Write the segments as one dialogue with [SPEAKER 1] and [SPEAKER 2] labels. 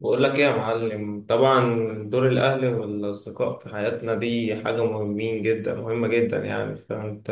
[SPEAKER 1] بقول لك ايه يا معلم، طبعا. دور الاهل والاصدقاء في حياتنا دي حاجه مهمين جدا مهمه جدا، يعني فانت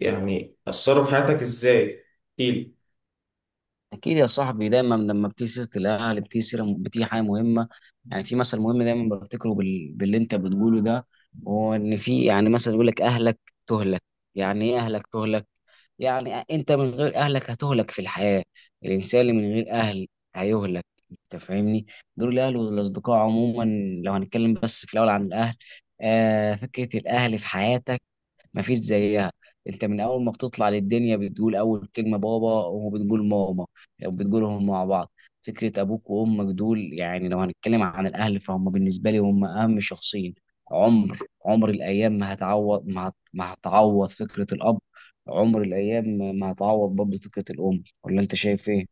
[SPEAKER 1] يعني اثروا في حياتك ازاي؟ احكيلي.
[SPEAKER 2] اكيد يا صاحبي، دايما لما بتيجي سيره الاهل بتيجي سيره، بتيجي حاجه مهمه. يعني في مثل مهم دايما بفتكره باللي انت بتقوله ده. هو ان في يعني مثلا يقول لك اهلك تهلك. يعني ايه اهلك تهلك؟ يعني انت من غير اهلك هتهلك في الحياه. الانسان اللي من غير اهل هيهلك، انت فاهمني. دول الاهل والاصدقاء عموما. لو هنتكلم بس في الاول عن الاهل، آه، فكره الاهل في حياتك مفيش زيها. انت من اول ما بتطلع للدنيا بتقول اول كلمه بابا وبتقول ماما، وبتقولهم مع بعض. فكره ابوك وامك دول، يعني لو هنتكلم عن الاهل، فهم بالنسبه لي هم اهم شخصين. عمر، عمر الايام ما هتعوض، ما هتعوض فكره الاب. عمر الايام ما هتعوض برضه فكره الام، ولا انت شايف ايه؟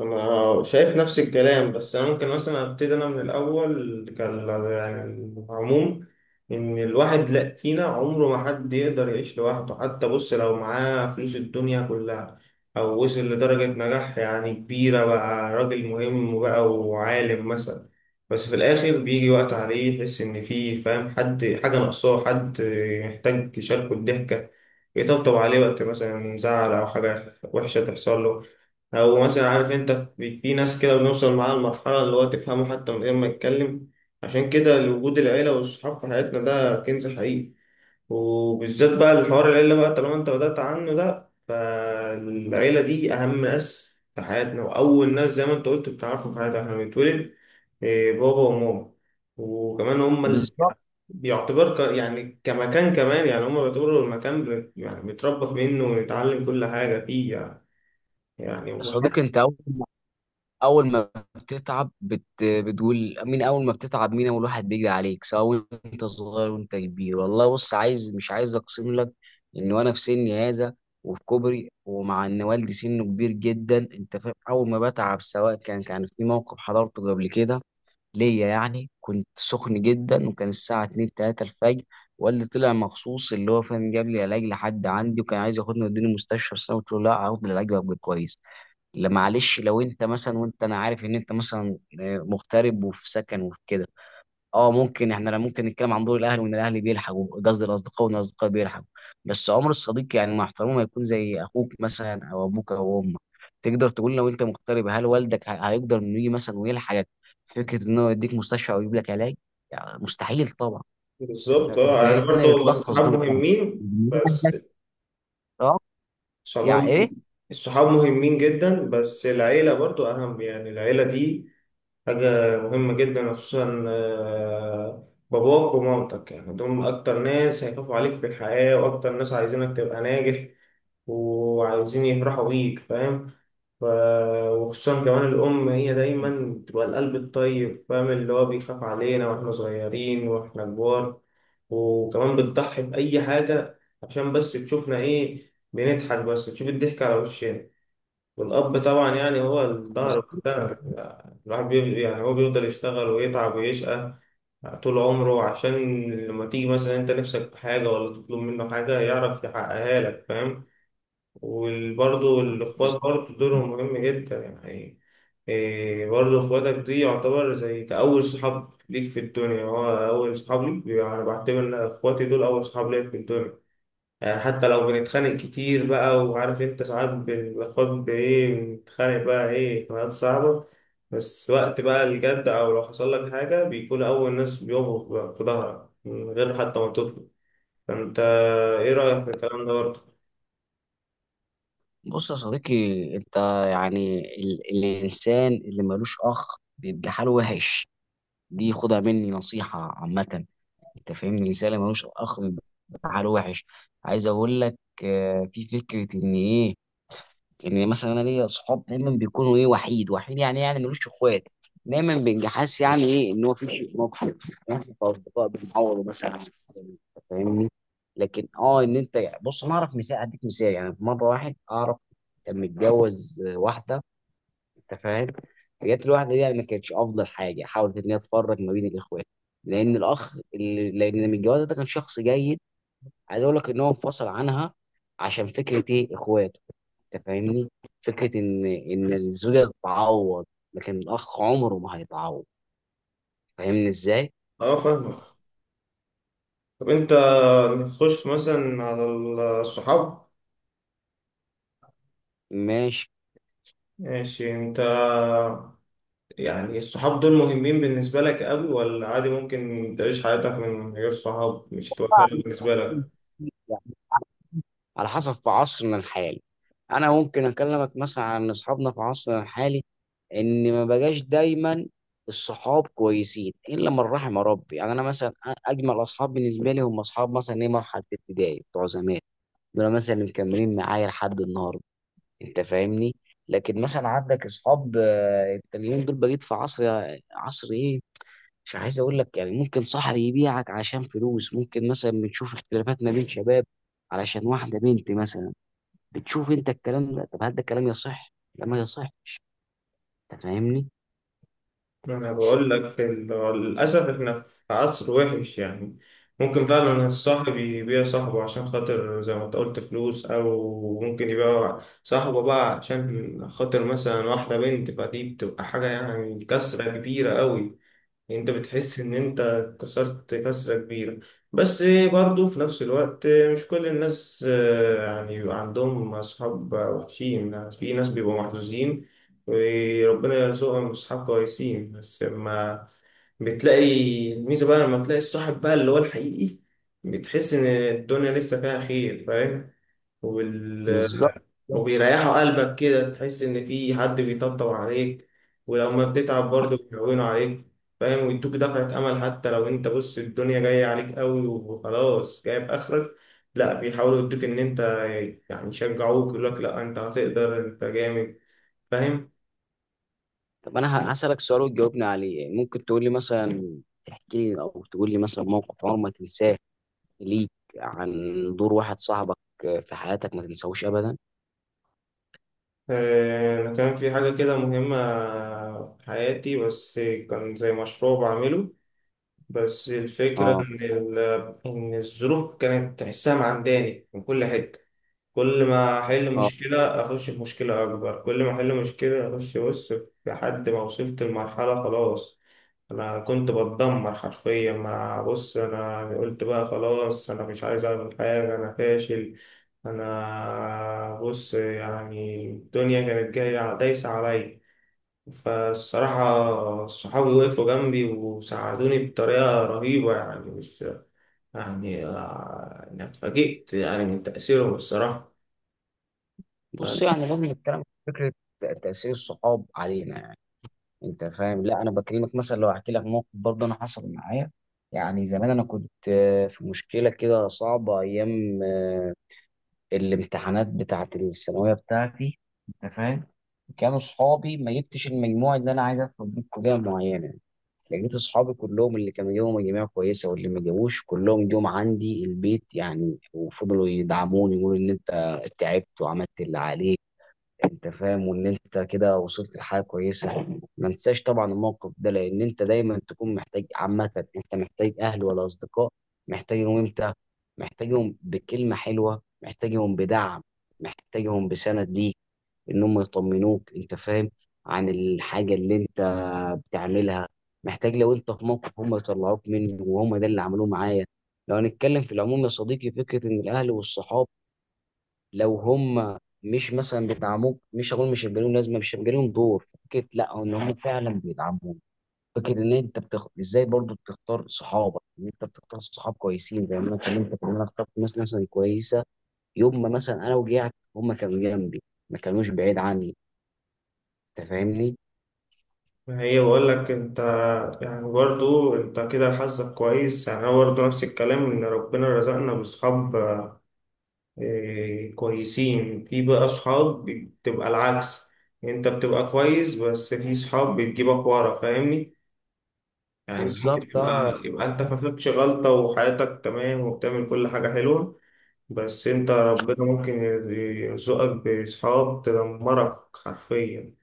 [SPEAKER 1] انا شايف نفس الكلام، بس انا ممكن مثلا ابتدي انا من الاول. كان يعني العموم ان الواحد لا فينا عمره ما حد يقدر يعيش لوحده، حتى بص لو معاه فلوس الدنيا كلها او وصل لدرجة نجاح يعني كبيرة، بقى راجل مهم بقى وعالم مثلا. بس في الاخر بيجي وقت عليه يحس ان فيه، فاهم، حد حاجة ناقصاه، حد يحتاج يشاركه الضحكة، يطبطب عليه وقت مثلا زعل او حاجة وحشة تحصل له، او مثلا عارف انت. في ناس كده بنوصل معاها لمرحله اللي هو تفهمه حتى من غير ما يتكلم. عشان كده وجود العيله والصحاب في حياتنا ده كنز حقيقي، وبالذات بقى الحوار العيله بقى طالما انت بدأت عنه ده. فالعيله دي اهم ناس في حياتنا، واول ناس زي ما انت قلت بتعرفهم في حياتنا احنا بنتولد. إيه، بابا وماما. وكمان هم
[SPEAKER 2] بالظبط.
[SPEAKER 1] يعني كمكان، كمان يعني هم بيعتبروا المكان، يعني بنتربى منه ونتعلم كل حاجه فيه، يعني.
[SPEAKER 2] يا صديقي انت اول ما بتتعب بتقول مين اول ما بتتعب، مين اول واحد بيجري عليك سواء انت صغير وانت كبير؟ والله بص، عايز مش عايز اقسم لك ان وانا في سني هذا وفي كبري، ومع ان والدي سنه كبير جدا، انت فاهم، اول ما بتعب، سواء كان في موقف حضرته قبل كده ليا، يعني كنت سخن جدا وكان الساعه 2 3 الفجر، والدي طلع مخصوص اللي هو فاهم، جاب لي علاج لحد عندي، وكان عايز ياخدني ويوديني المستشفى، بس انا قلت له لا، هاخد العلاج وابقى كويس. لا معلش، لو انت مثلا وانت انا عارف ان انت مثلا آه، مغترب وفي سكن وفي كده، اه ممكن احنا، لا، ممكن نتكلم عن دور الاهل وان الاهل بيلحقوا، قصدي الاصدقاء وان الاصدقاء بيلحقوا. بس عمر الصديق، يعني مع احترامه، ما يكون زي اخوك مثلا او ابوك او امك. تقدر تقول لو انت مغترب، هل والدك هيقدر انه يجي مثلا ويلحقك في فكره انه يديك مستشفى او يجيب لك علاج؟ يعني مستحيل طبعا. انت
[SPEAKER 1] بالظبط.
[SPEAKER 2] فاهم؟
[SPEAKER 1] اه يعني
[SPEAKER 2] فهنا
[SPEAKER 1] برضو
[SPEAKER 2] يتلخص دور
[SPEAKER 1] الصحاب
[SPEAKER 2] الاهل.
[SPEAKER 1] مهمين. بس
[SPEAKER 2] اه. يعني
[SPEAKER 1] الصحاب
[SPEAKER 2] ايه؟
[SPEAKER 1] الصحاب مهمين جدا، بس العيلة برضو أهم. يعني العيلة دي حاجة مهمة جدا، خصوصا آه، باباك ومامتك. يعني دول أكتر ناس هيخافوا عليك في الحياة، وأكتر ناس عايزينك تبقى ناجح وعايزين يفرحوا بيك، فاهم. ف... وخصوصا كمان الأم هي دايما بتبقى القلب الطيب، فاهم، اللي هو بيخاف علينا وإحنا صغيرين وإحنا كبار. وكمان بتضحي بأي حاجة عشان بس تشوفنا إيه، بنضحك، بس تشوف الضحك على وشنا. والأب طبعا يعني هو الظهر
[SPEAKER 2] بالظبط.
[SPEAKER 1] بتاع الواحد، يعني هو بيفضل يشتغل ويتعب ويشقى طول عمره عشان لما تيجي مثلا أنت نفسك في حاجة ولا تطلب منه حاجة يعرف يحققها لك، فاهم. وبرضه الإخوات برضه دورهم مهم جدا يعني. إيه، برضه إخواتك دي يعتبر زي كأول صحاب ليك في الدنيا، هو أول صحاب ليك أنا بعتبر إن إخواتي دول أول صحاب ليا في الدنيا. يعني حتى لو بنتخانق كتير بقى، وعارف انت ساعات بناخد بايه، بنتخانق بقى ايه، خناقات صعبة. بس وقت بقى الجد او لو حصل لك حاجة بيكون اول ناس بيقفوا بقى في ظهرك من غير حتى ما تطلب. فانت، ايه رأيك في الكلام ده برضه؟
[SPEAKER 2] بص يا صديقي، انت، يعني الانسان اللي ملوش اخ بيبقى حاله وحش. دي خدها مني نصيحه عامه. انت فاهمني، الانسان اللي ملوش اخ بيبقى حاله وحش. عايز اقول لك آه، في فكره ان ايه، ان مثلا انا ليا صحاب دايما بيكونوا ايه، وحيد وحيد، يعني ملوش اخوات، دايما بيبقى حاسس يعني ايه، ان هو في شيء ناقص. احنا كاصدقاء بنعوضه مثلا عن الحاجة دي، أنت فاهمني. لكن اه، ان انت بص، انا اعرف مثال، اديك مثال، يعني في مره واحد اعرف كان متجوز واحده، انت فاهم، جت الواحده دي يعني ما كانتش افضل حاجه، حاولت ان هي تفرق ما بين الاخوات، لان الاخ اللي، لان من الجواز ده كان شخص جيد. عايز اقول لك ان هو انفصل عنها، عشان فكره ايه، اخوات. انت فاهمني؟ فكره ان الزوجه تتعوض، لكن الاخ عمره ما هيتعوض. فاهمني ازاي؟
[SPEAKER 1] اه، فاهمك. طب انت، نخش مثلا على الصحاب.
[SPEAKER 2] ماشي.
[SPEAKER 1] ماشي. انت يعني الصحاب دول مهمين بالنسبة لك قوي ولا عادي؟ ممكن تعيش حياتك من غير صحاب، مش هتبقى فارقة بالنسبة لك؟
[SPEAKER 2] على حسب، في عصرنا الحالي، انا ممكن اكلمك مثلا عن اصحابنا في عصرنا الحالي، ان ما بقاش دايما الصحاب كويسين الا من رحم ربي. يعني انا مثلا اجمل اصحاب بالنسبه لي هم اصحاب مثلا ايه، مرحله ابتدائي بتوع زمان، دول مثلا اللي مكملين معايا لحد النهارده. انت فاهمني. لكن مثلا عندك اصحاب آه، انت اليومين دول بقيت في عصر، عصر ايه، مش عايز اقول لك، يعني ممكن صاحب يبيعك عشان فلوس، ممكن مثلا بنشوف اختلافات ما بين شباب علشان واحده بنت مثلا. بتشوف انت الكلام ده؟ طب هل ده الكلام يصح لما يصح؟ انت فاهمني.
[SPEAKER 1] ما انا بقول لك للاسف احنا في عصر وحش يعني. ممكن فعلا الصاحب يبيع صاحبه عشان خاطر زي ما انت قلت فلوس، او ممكن يبيع صاحبه بقى عشان خاطر مثلا واحده بنت. فدي بتبقى حاجه يعني كسره كبيره قوي. انت بتحس ان انت كسرت كسرة كبيرة. بس برضو في نفس الوقت مش كل الناس آه، يعني بيبقى عندهم اصحاب وحشين، يعني في ناس بيبقوا محظوظين وربنا يرزقهم اصحاب كويسين. بس لما بتلاقي الميزة بقى، لما تلاقي الصاحب بقى اللي هو الحقيقي، بتحس ان الدنيا لسه فيها خير، فاهم.
[SPEAKER 2] بالظبط.
[SPEAKER 1] وبيريحوا قلبك كده، تحس إن في حد بيطبطب عليك، ولو ما بتتعب برضه بيهونوا عليك، فاهم، ويدوك دفعة أمل. حتى لو أنت، بص، الدنيا جاية عليك أوي وخلاص جايب آخرك، لا بيحاولوا يدوك إن أنت يعني، يشجعوك، يقولك لا أنت هتقدر، أنت جامد، فاهم.
[SPEAKER 2] طب انا هسألك سؤال وتجاوبني عليه. يعني ممكن تقول لي مثلا، تحكي لي او تقول لي مثلا موقف عمرك ما تنساه ليك، عن دور واحد صاحبك في حياتك ما تنساهوش ابدا؟
[SPEAKER 1] آه، أنا كان في حاجة كده مهمة في حياتي، بس كان زي مشروع بعمله. بس الفكرة
[SPEAKER 2] اه.
[SPEAKER 1] إن إن الظروف كانت تحسها معنداني من كل حتة. كل ما احل
[SPEAKER 2] اه.
[SPEAKER 1] مشكله اخش في مشكله اكبر، كل ما احل مشكله اخش، بص، لحد ما وصلت لمرحله خلاص انا كنت بتدمر حرفيا. ما بص، انا قلت بقى خلاص انا مش عايز اعمل حاجه، انا فاشل، انا بص يعني الدنيا كانت جايه دايسه عليا. فالصراحة صحابي وقفوا جنبي وساعدوني بطريقة رهيبة، يعني مش يعني آه، أنا اتفاجئت يعني من تأثيرهم، الصراحة.
[SPEAKER 2] بص، يعني لازم نتكلم في فكره تاثير الصحاب علينا، يعني انت فاهم، لا انا بكلمك مثلا، لو احكي لك موقف برضه انا حصل معايا. يعني زمان انا كنت آه، في مشكله كده صعبه، ايام آه، الامتحانات بتاعه الثانويه بتاعتي، انت فاهم، كانوا صحابي، ما جبتش المجموع اللي انا عايز ادخل بيه كليه معينه، لقيت اصحابي كلهم، اللي كانوا جابوا مجاميع كويسه واللي ما جابوش، كلهم جم عندي البيت يعني، وفضلوا يدعموني يقولوا ان انت تعبت وعملت اللي عليك، انت فاهم، وان انت كده وصلت لحاجه كويسه. ما انساش طبعا الموقف ده، لان انت دايما تكون محتاج، عامه انت محتاج اهل ولا اصدقاء. محتاجهم امتى؟ محتاجهم بكلمه حلوه، محتاجهم بدعم، محتاجهم بسند ليك، ان هم يطمنوك انت فاهم، عن الحاجه اللي انت بتعملها. محتاج لو انت في موقف هم يطلعوك منه، وهم ده اللي عملوه معايا. لو هنتكلم في العموم يا صديقي، فكره ان الاهل والصحاب لو هم مش مثلا بيدعموك، مش هقول مش هيبقى لهم لازمه، مش هيبقى لهم دور، فكره لا، ان هم فعلا بيدعموك. فكره ان انت ازاي برضو بتختار صحابك، ان انت بتختار صحاب كويسين، زي ما اتكلمت ان انا اخترت ناس مثلا كويسه. يوم ما مثلا انا وجعت هم كانوا جنبي، ما كانوش بعيد عني. انت فاهمني.
[SPEAKER 1] ما هي بقول لك انت، يعني برضو انت كده حظك كويس، يعني انا برضو نفس الكلام ان ربنا رزقنا باصحاب اه، كويسين. في بقى اصحاب بتبقى العكس، انت بتبقى كويس بس في صحاب بتجيبك ورا، فاهمني. يعني انت ممكن
[SPEAKER 2] بالظبط. اه.
[SPEAKER 1] تبقى، يبقى انت ما فيكش غلطة وحياتك تمام وبتعمل كل حاجة حلوة، بس انت ربنا ممكن يرزقك بصحاب تدمرك حرفيا،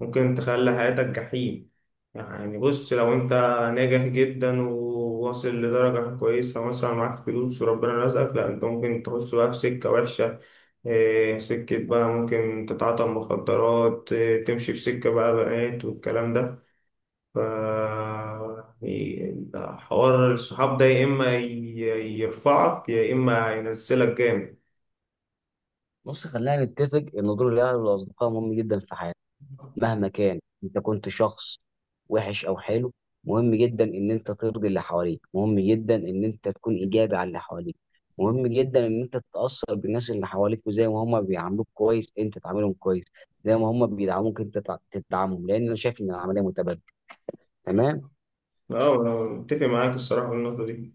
[SPEAKER 1] ممكن تخلي حياتك جحيم. يعني بص لو انت ناجح جدا وواصل لدرجة كويسة، مثلا معاك فلوس وربنا رزقك، لا انت ممكن تخش بقى في سكة وحشة، اه، سكة بقى ممكن تتعاطى مخدرات، اه، تمشي في سكة بقى بنات والكلام ده. ف، يعني حوار الصحاب ده يا إما يرفعك يا إما ينزلك جامد.
[SPEAKER 2] بص، خلينا نتفق ان دور الاهل والاصدقاء مهم جدا في حياتنا. مهما كان انت كنت شخص وحش او حلو، مهم جدا ان انت ترضي اللي حواليك، مهم جدا ان انت تكون ايجابي على اللي حواليك، مهم جدا ان انت تتاثر بالناس اللي حواليك، وزي ما هم بيعاملوك كويس انت تعاملهم كويس، زي ما هم بيدعموك انت تدعمهم، لان انا شايف ان العمليه متبادله. تمام.
[SPEAKER 1] اه انا متفق معاك الصراحه في النقطه دي.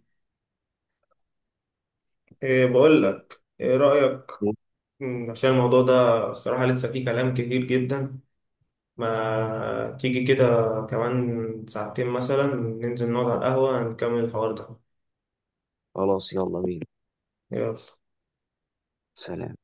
[SPEAKER 1] إيه، بقول لك ايه رايك، عشان الموضوع ده الصراحه لسه فيه كلام كتير جدا. ما تيجي كده كمان ساعتين مثلا ننزل نقعد على القهوه نكمل الحوار ده؟
[SPEAKER 2] خلاص، يلا بينا.
[SPEAKER 1] يلا.
[SPEAKER 2] سلام.